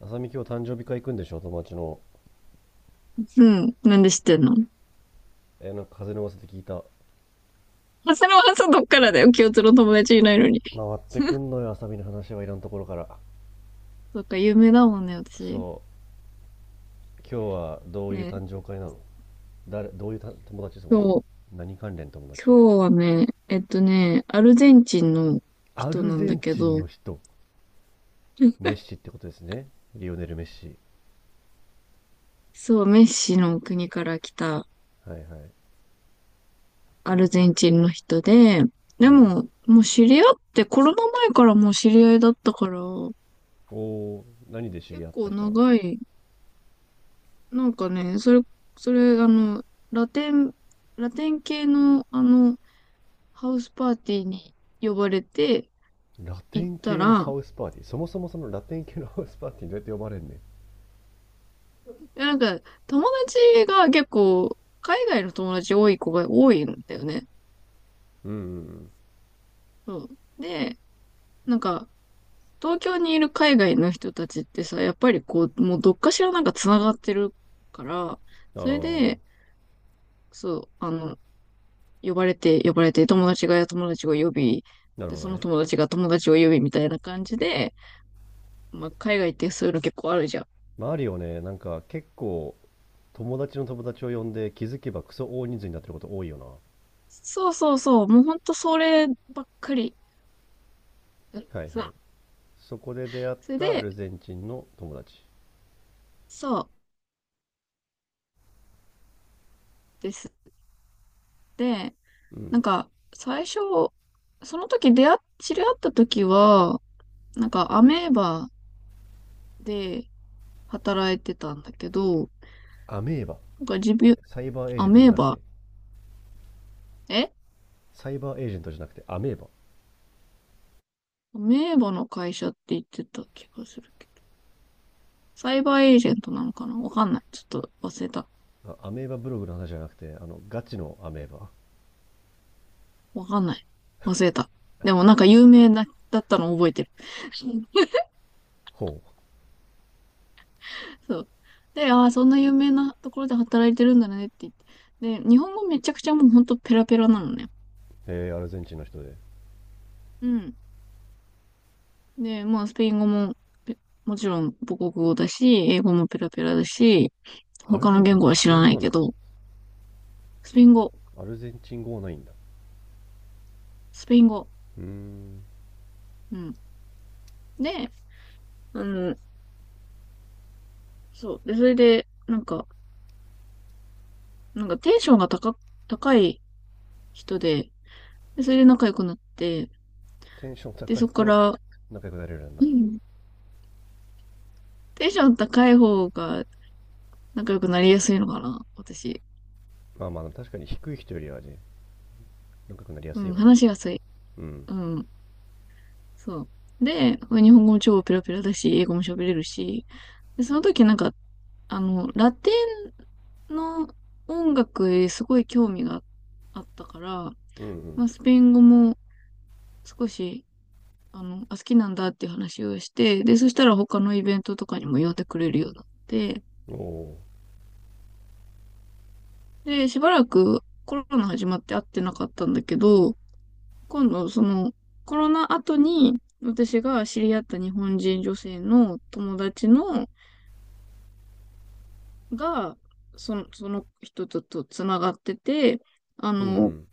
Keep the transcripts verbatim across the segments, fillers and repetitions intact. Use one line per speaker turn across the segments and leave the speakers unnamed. あさみ今日誕生日会行くんでしょ友達の？
うん。なんで知ってんの？
え、なんか風の噂で聞いた。
あ、それはさ、どっからだよ。共通の友達いないのに。
回ってくんのよ、あさみの話はいらんところから。
そっか、有名だもんね、私。
そう。今日はどういう
ね、
誕生会なの？誰、どういうた友達そ
今
もそも。
日、
何関連友達？
今日はね、えっとね、アルゼンチンの
ア
人
ル
なん
ゼ
だ
ン
け
チン
ど、
の人。メッシってことですね。リオネル・メッシ。
そう、メッシの国から来た
はいはい。
アルゼンチンの人で、
う
で
ん。
も、もう知り合って、コロナ前からもう知り合いだったから、
おお、何で知
結
り合った
構
人なの？
長い、なんかね、それ、それ、あの、ラテン、ラテン系の、あの、ハウスパーティーに呼ばれて
ラテ
行っ
ン
た
系のハ
ら、
ウスパーティー。そもそもそのラテン系のハウスパーティーにどうやって呼ばれんねん。
なんか友達が結構海外の友達多い子が多いんだよね。
うんうん
そうん。で、なんか東京にいる海外の人たちってさ、やっぱりこう、もうどっかしらなんか繋がってるから、
うん。あ
それ
あ、
で、そう、あの、呼ばれて、呼ばれて、友達が友達を呼び、
なる
で、
ほ
そ
ど
の
ね。
友達が友達を呼びみたいな感じで、まあ、海外ってそういうの結構あるじゃん。
マリオね、なんか結構友達の友達を呼んで気づけばクソ大人数になってること多いよ
そうそうそう、もうほんとそればっかり。そう、
な。はいはい。そこで出会っ
それ
たア
で、
ルゼンチンの友達？
そうですね。で、
う
な
ん。
んか、最初、その時出会っ、知り合った時は、なんかアメーバで働いてたんだけど、
アメーバ？
なんか自分、
え、サイバーエージ
ア
ェントじ
メ
ゃ
ー
なく
バ、
て？
え
サイバーエージェントじゃなくてアメーバ？
アメーバの会社って言ってた気がするけど、サイバーエージェントなのかな、わかんない。ちょっと忘れた。
あ、アメーバブログの話じゃなくてあのガチのアメーバ？
わかんない。忘れた。でもなんか有名なだったの覚えてる。
ほう。
そう。で、ああ、そんな有名なところで働いてるんだねって言って。で、日本語めちゃくちゃもうほんとペラペラなのね。
えー、アルゼンチンの人で？
うん。で、まあ、スペイン語も、ペもちろん母国語だし、英語もペラペラだし、
アル
他
ゼ
の
ンチン
言
っ
語
て
は
ス
知
ペイ
ら
ン語
ない
なの
け
か。
ど、スペイン語、
アルゼンチン語はないんだ。
スペイン語。
うーん。
うん。で、あの、そう。で、それで、なんか、なんかテンションが高、高い人で、で、それで仲良くなって、
テンション
で、
高い
そこか
と
ら、
仲良くなれるんだ？
うん、テンション高い方が仲良くなりやすいのかな、私。
まあまあ確かに低い人よりはね、仲良くなりや
う
すい
ん、
わな。
話しやすい。
うん。
うん、そう。で、日本語も超ペラペラだし、英語も喋れるし、で、その時なんか、あの、ラテンの音楽へすごい興味があったから、
う
ま
ん
あ、スペイン語も少し、あの、あ、好きなんだっていう話をして、で、そしたら他のイベントとかにも呼んでくれるようになって、
うん。おお。
で、しばらくコロナ始まって会ってなかったんだけど、今度、その、コロナ後に、私が知り合った日本人女性の友達の、が、その、その人ととつながってて、あ
う
の、
ん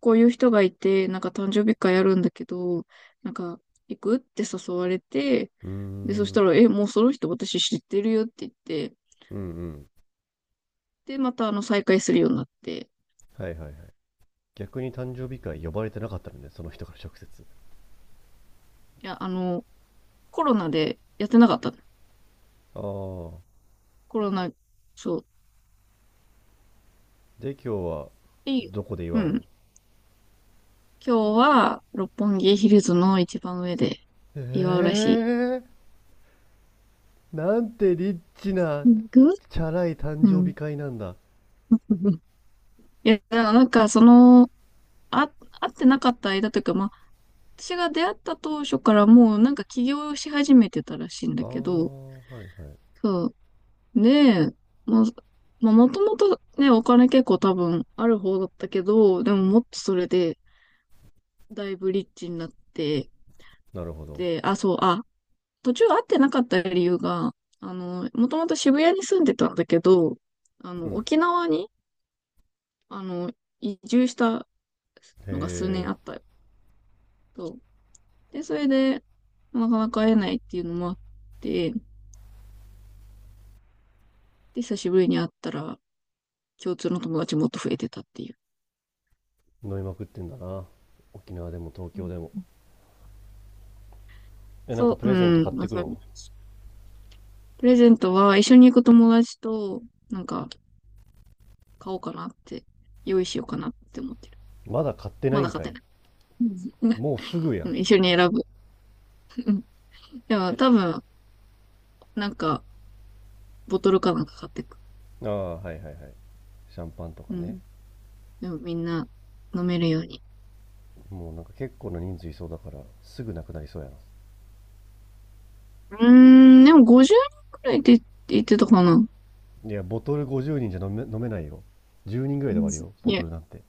こういう人がいて、なんか誕生日会やるんだけど、なんか、行くって誘われて、
う
で、そ
ん。
し
うー
た
ん。
ら、え、もうその人私知ってるよって言って、
うんうん。
で、またあの、再会するようになって、
はいはいはい。逆に誕生日会呼ばれてなかったのね、その人から直接。
いや、あの、コロナでやってなかったの。
ああ。
コロナ、そう。
で、今日は、
いい。
どこで祝
う
うの？
ん。今日は六本木ヒルズの一番上で祝うら
え
し
えー、なんてリッチな、
い。行く、
チャラい誕
う
生日
ん。
会なんだ。
いや、なんかその、あ、会ってなかった間というか、まあ、私が出会った当初からもうなんか起業し始めてたらしいん
あ
だ
あ、
けど、
はいはい。
そう。で、まあ、まあ、もともとね、お金結構多分ある方だったけど、でももっとそれでだいぶリッチになって、
なるほど。
で、あ、そう、あ、途中会ってなかった理由が、あの、もともと渋谷に住んでたんだけど、あ
う
の、
ん。
沖縄に、あの、移住した
へ
のが数年
え、
あったよ。そう。で、それで、なかなか会えないっていうのもあって、で、久しぶりに会ったら、共通の友達もっと増えてたっていう。
飲みまくってんだな。沖縄でも東
う
京
ん、
でも。え、なんか
そ
プ
う、う
レゼント買
ん、
っ
ま
て
あ、
く
そういう
の？
プレゼントは一緒に行く友達と、なんか、買おうかなって、用意しようかなって思ってる。
まだ買ってな
ま
い
だ
ん
買っ
か
て
い。
ない。うん。
もうすぐ や
う
ん。
ん、一緒に選ぶ。うん、でも
え。
多分、なんか、ボトルかなんか買ってく。
ああ、はいはいはい。シャンパンとか
う
ね。
ん。でもみんな飲めるように。
もうなんか結構な人数いそうだからすぐなくなりそうやな。
うーん、でもごじゅうにんくらいって言ってたかな。
いや、ボトルごじゅうにんじゃ飲め飲めないよ。じゅうにんぐらいで終わる
い
よ、ボト
や、
ルなんて。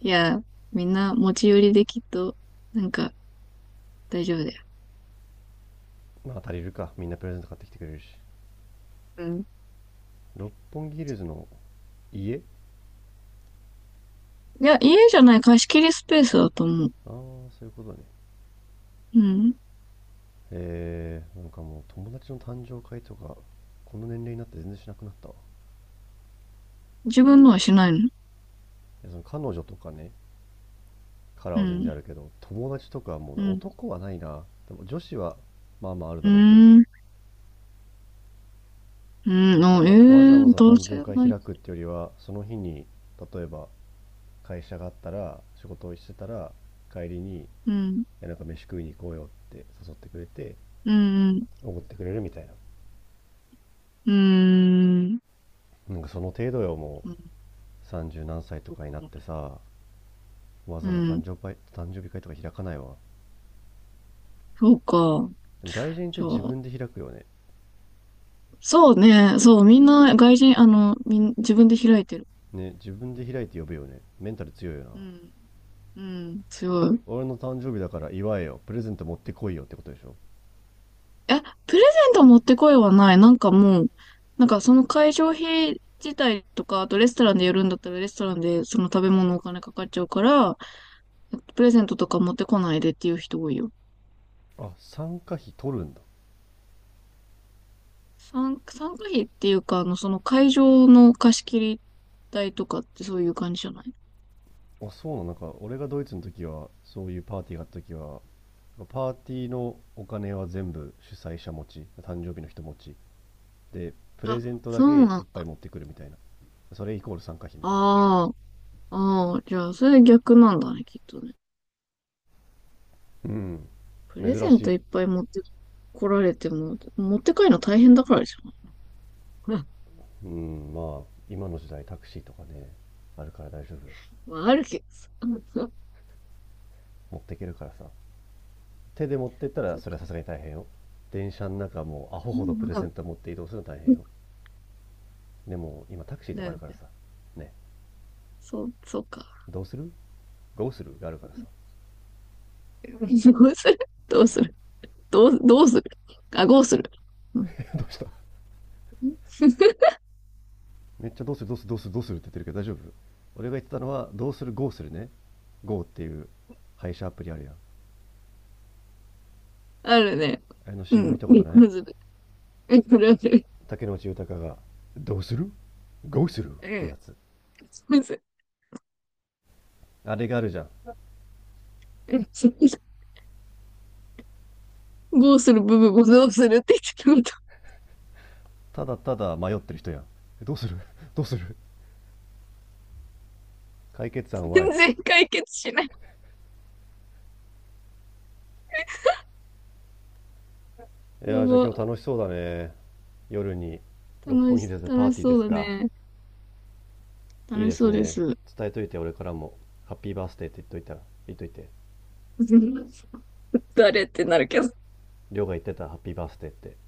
いや、みんな持ち寄りできっと、なんか大丈夫だよ。
まあ足りるか。みんなプレゼント買ってきてくれるし。
うん。
六本木ヒルズの家あ？
いや、家じゃない貸し切りスペースだと思う。
あ、そういうことね。
うん。
えー、なんかもう友達の誕生会とか、この年齢になって全然しなくなったわ。
自分のはしないの？
いや、その彼女とかね、から
う
は全然あ
ん。
るけど、友達とかはもうね、
うん。
男はないな。でも女子はまあまあある
う
だろうけど。
ーん。う
なん
ん。
か
あ、え
わ
え
わざ
ー、
わざ
男
誕
性
生会
ない。
開くってよりは、その日に例えば会社があったら仕事をしてたら帰りに、い
うん。
やなんか飯食いに行こうよって誘ってくれて
うん。
おごってくれるみたいな。
うん。うーん。
なんかその程度よ。も
う
うさんじゅう何歳とかになっ
ん。
てさ、わ
う
ざわざ誕
ん、
生会誕生日会とか開かないわ。
そうか。
でも外人って
じゃ
自
あ、
分で開くよね。
そうね、そう、みんな外人、あの、みん、自分で開いてる。
ね、自分で開いて呼ぶよね。メンタル強いよな。
うん、うん、強い。
俺の誕生日だから祝えよ、プレゼント持ってこいよってことでしょ？
え、プレゼント持ってこいはない。なんかもう、なんかその会場費自体とか、あとレストランでやるんだったらレストランでその食べ物お金かかっちゃうから、プレゼントとか持ってこないでっていう人多いよ。
あ、参加費取るんだ？
参、参加費っていうか、あの、その会場の貸し切り代とかってそういう感じじゃない？
あ、そうなの？なんか、俺がドイツの時は、そういうパーティーがあった時は、パーティーのお金は全部主催者持ち、誕生日の人持ち。で、プレ
あ、
ゼントだ
そ
けい
うなん
っぱい
だ。
持ってくるみたいな。それイコール参加費みたい
ああ、ああ、じゃあ、それ逆なんだね、きっとね。
な。うん。
プレ
珍
ゼ
し
ント
い。
いっぱい持ってこられても、持って帰るの大変だからでしょ。
うん、まあ、今の時代タクシーとかね、あるから大丈夫よ。
まあ、あるけどさ。
持っていけるからさ。手で持ってったら、
そう
それ
か。
はさすがに大変よ。電車の中もうアホ
う
ほどプレゼン
ん、
ト持って移動するの大変よ。でも、今タクシーと
だ
かあ
よ
るから
ね。
さ。ね。
そう、そうか。
どうする？どうするがあるからさ。
どうする、どうする、どう、どうする、あ、どうする、うん、
どうした？ めっちゃどうするどうするどうするどうするって言ってるけど大丈夫？俺が言ってたのはどうする ゴー するね。 ゴー っていう配車アプリあるやん。
あるね。
あれの
う
CM 見
ん。
たことない？
むずる。むずる。
竹野内豊がどうする ?ゴー するってやつ、
むずる。
あれがあるじゃん。
どうする部分をどうするって言ってるこ
ただただ迷ってる人やん。どうする、 どうする？解決
と
案は
全
い。
然解決しない。
い
や
やー、じゃあ今日
ば。
楽しそうだね。夜に六
楽
本木
し、
でパー
楽し
ティーで
そう
す
だ
か？
ね。
いい
楽
で
し
す
そうで
ね。
す。
伝えといて、俺からもハッピーバースデーって言っといた言っといて。
誰ってなるけど。
亮が言ってたハッピーバースデーってって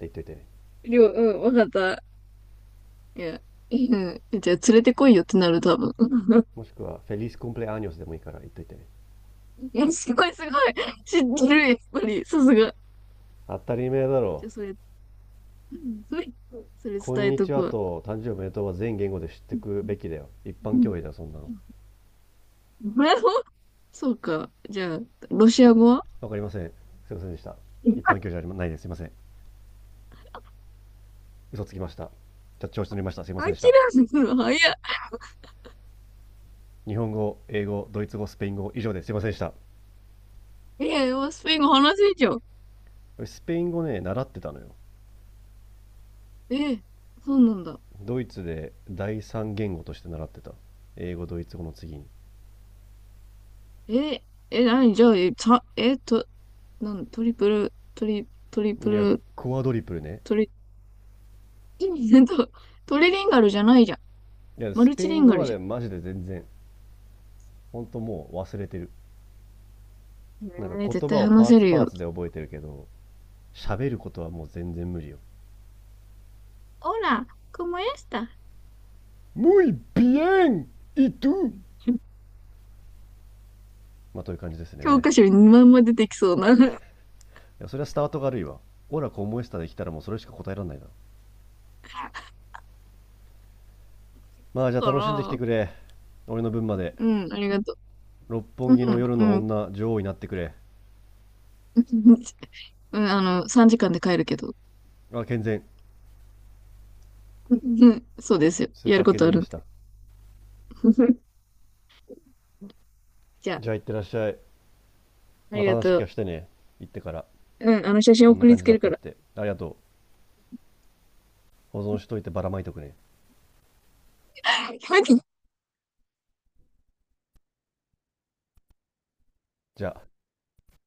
言っといてね。
りょう、うん、わかった。いや、うん。じゃあ、連れてこいよってなる、多分。
もしくはフェリスコンプレアニョスでもいいから言っといて。
いや、すごい、すごい。知ってる、やっぱり。さすが。
当たり前だろ。
じゃあ、それ、それ、
こ
伝
ん
え
に
と
ち
く
は
わ。
と誕生日おめでとうは全言語で知ってくべきだよ。一
う
般
ん。
教養だよ、そんなの。
そうか。じゃあ、ロシア語は？
わかりません。すいませんでした。一般教 養じゃないです。すいません。嘘つきました。じゃ調子乗りました。すいませ
諦
んでした。
めるの早い。
日本語、英語、ドイツ語、スペイン語、以上です。すいませんでした。
いや、スペイン語話せんじゃん。
スペイン語ね、習ってたのよ。
え、そうなんだ。
ドイツで第三言語として習ってた。英語、ドイツ語の次に。
え、え、なにじゃあ、え、た、え、と、なん、トリプル、トリ、トリプ
いや、
ル、
クワドリプルね。
トリ うんとトリリンガルじゃないじゃん。
いや、
マ
ス
ル
ペ
チ
イ
リ
ン
ンガ
語
ル
はね、
じ
マジで全然、ほんともう忘れてる。な
ゃ
んか
ん。えー、絶
言
対
葉を
話
パー
せ
ツ
る
パー
よ。
ツで覚えてるけど喋ることはもう全然無理よ。
ほら、como esta？
muy bien y tú まあという感じです
教
ね。
科書ににまんま出てきそうな。か
いやそれはスタートが悪いわ。オラコモエスタで来たらもうそれしか答えられないな。まあじゃあ楽しんでき
ら、
てくれ。俺の分まで。
うん、ありがと
六
う。
本木
う
の
ん、
夜の
うん。
女女王になってくれ。
うん、あの、さんじかんで帰るけど。
あ、健全。
うん、そうですよ。
スー
や
パ
る
ー
こ
健
とあ
全で
るん
した。
で。じゃ
じゃあ行ってらっしゃい。
あ、あ
ま
り
た
が
話
と
聞
う。
かしてね。行ってから。
うん、あの写真
こんな
送り
感
つ
じだ
け
っ
るか
たっ
ら。
て。ありがとう。保存しといてばらまいとくね。じゃあ。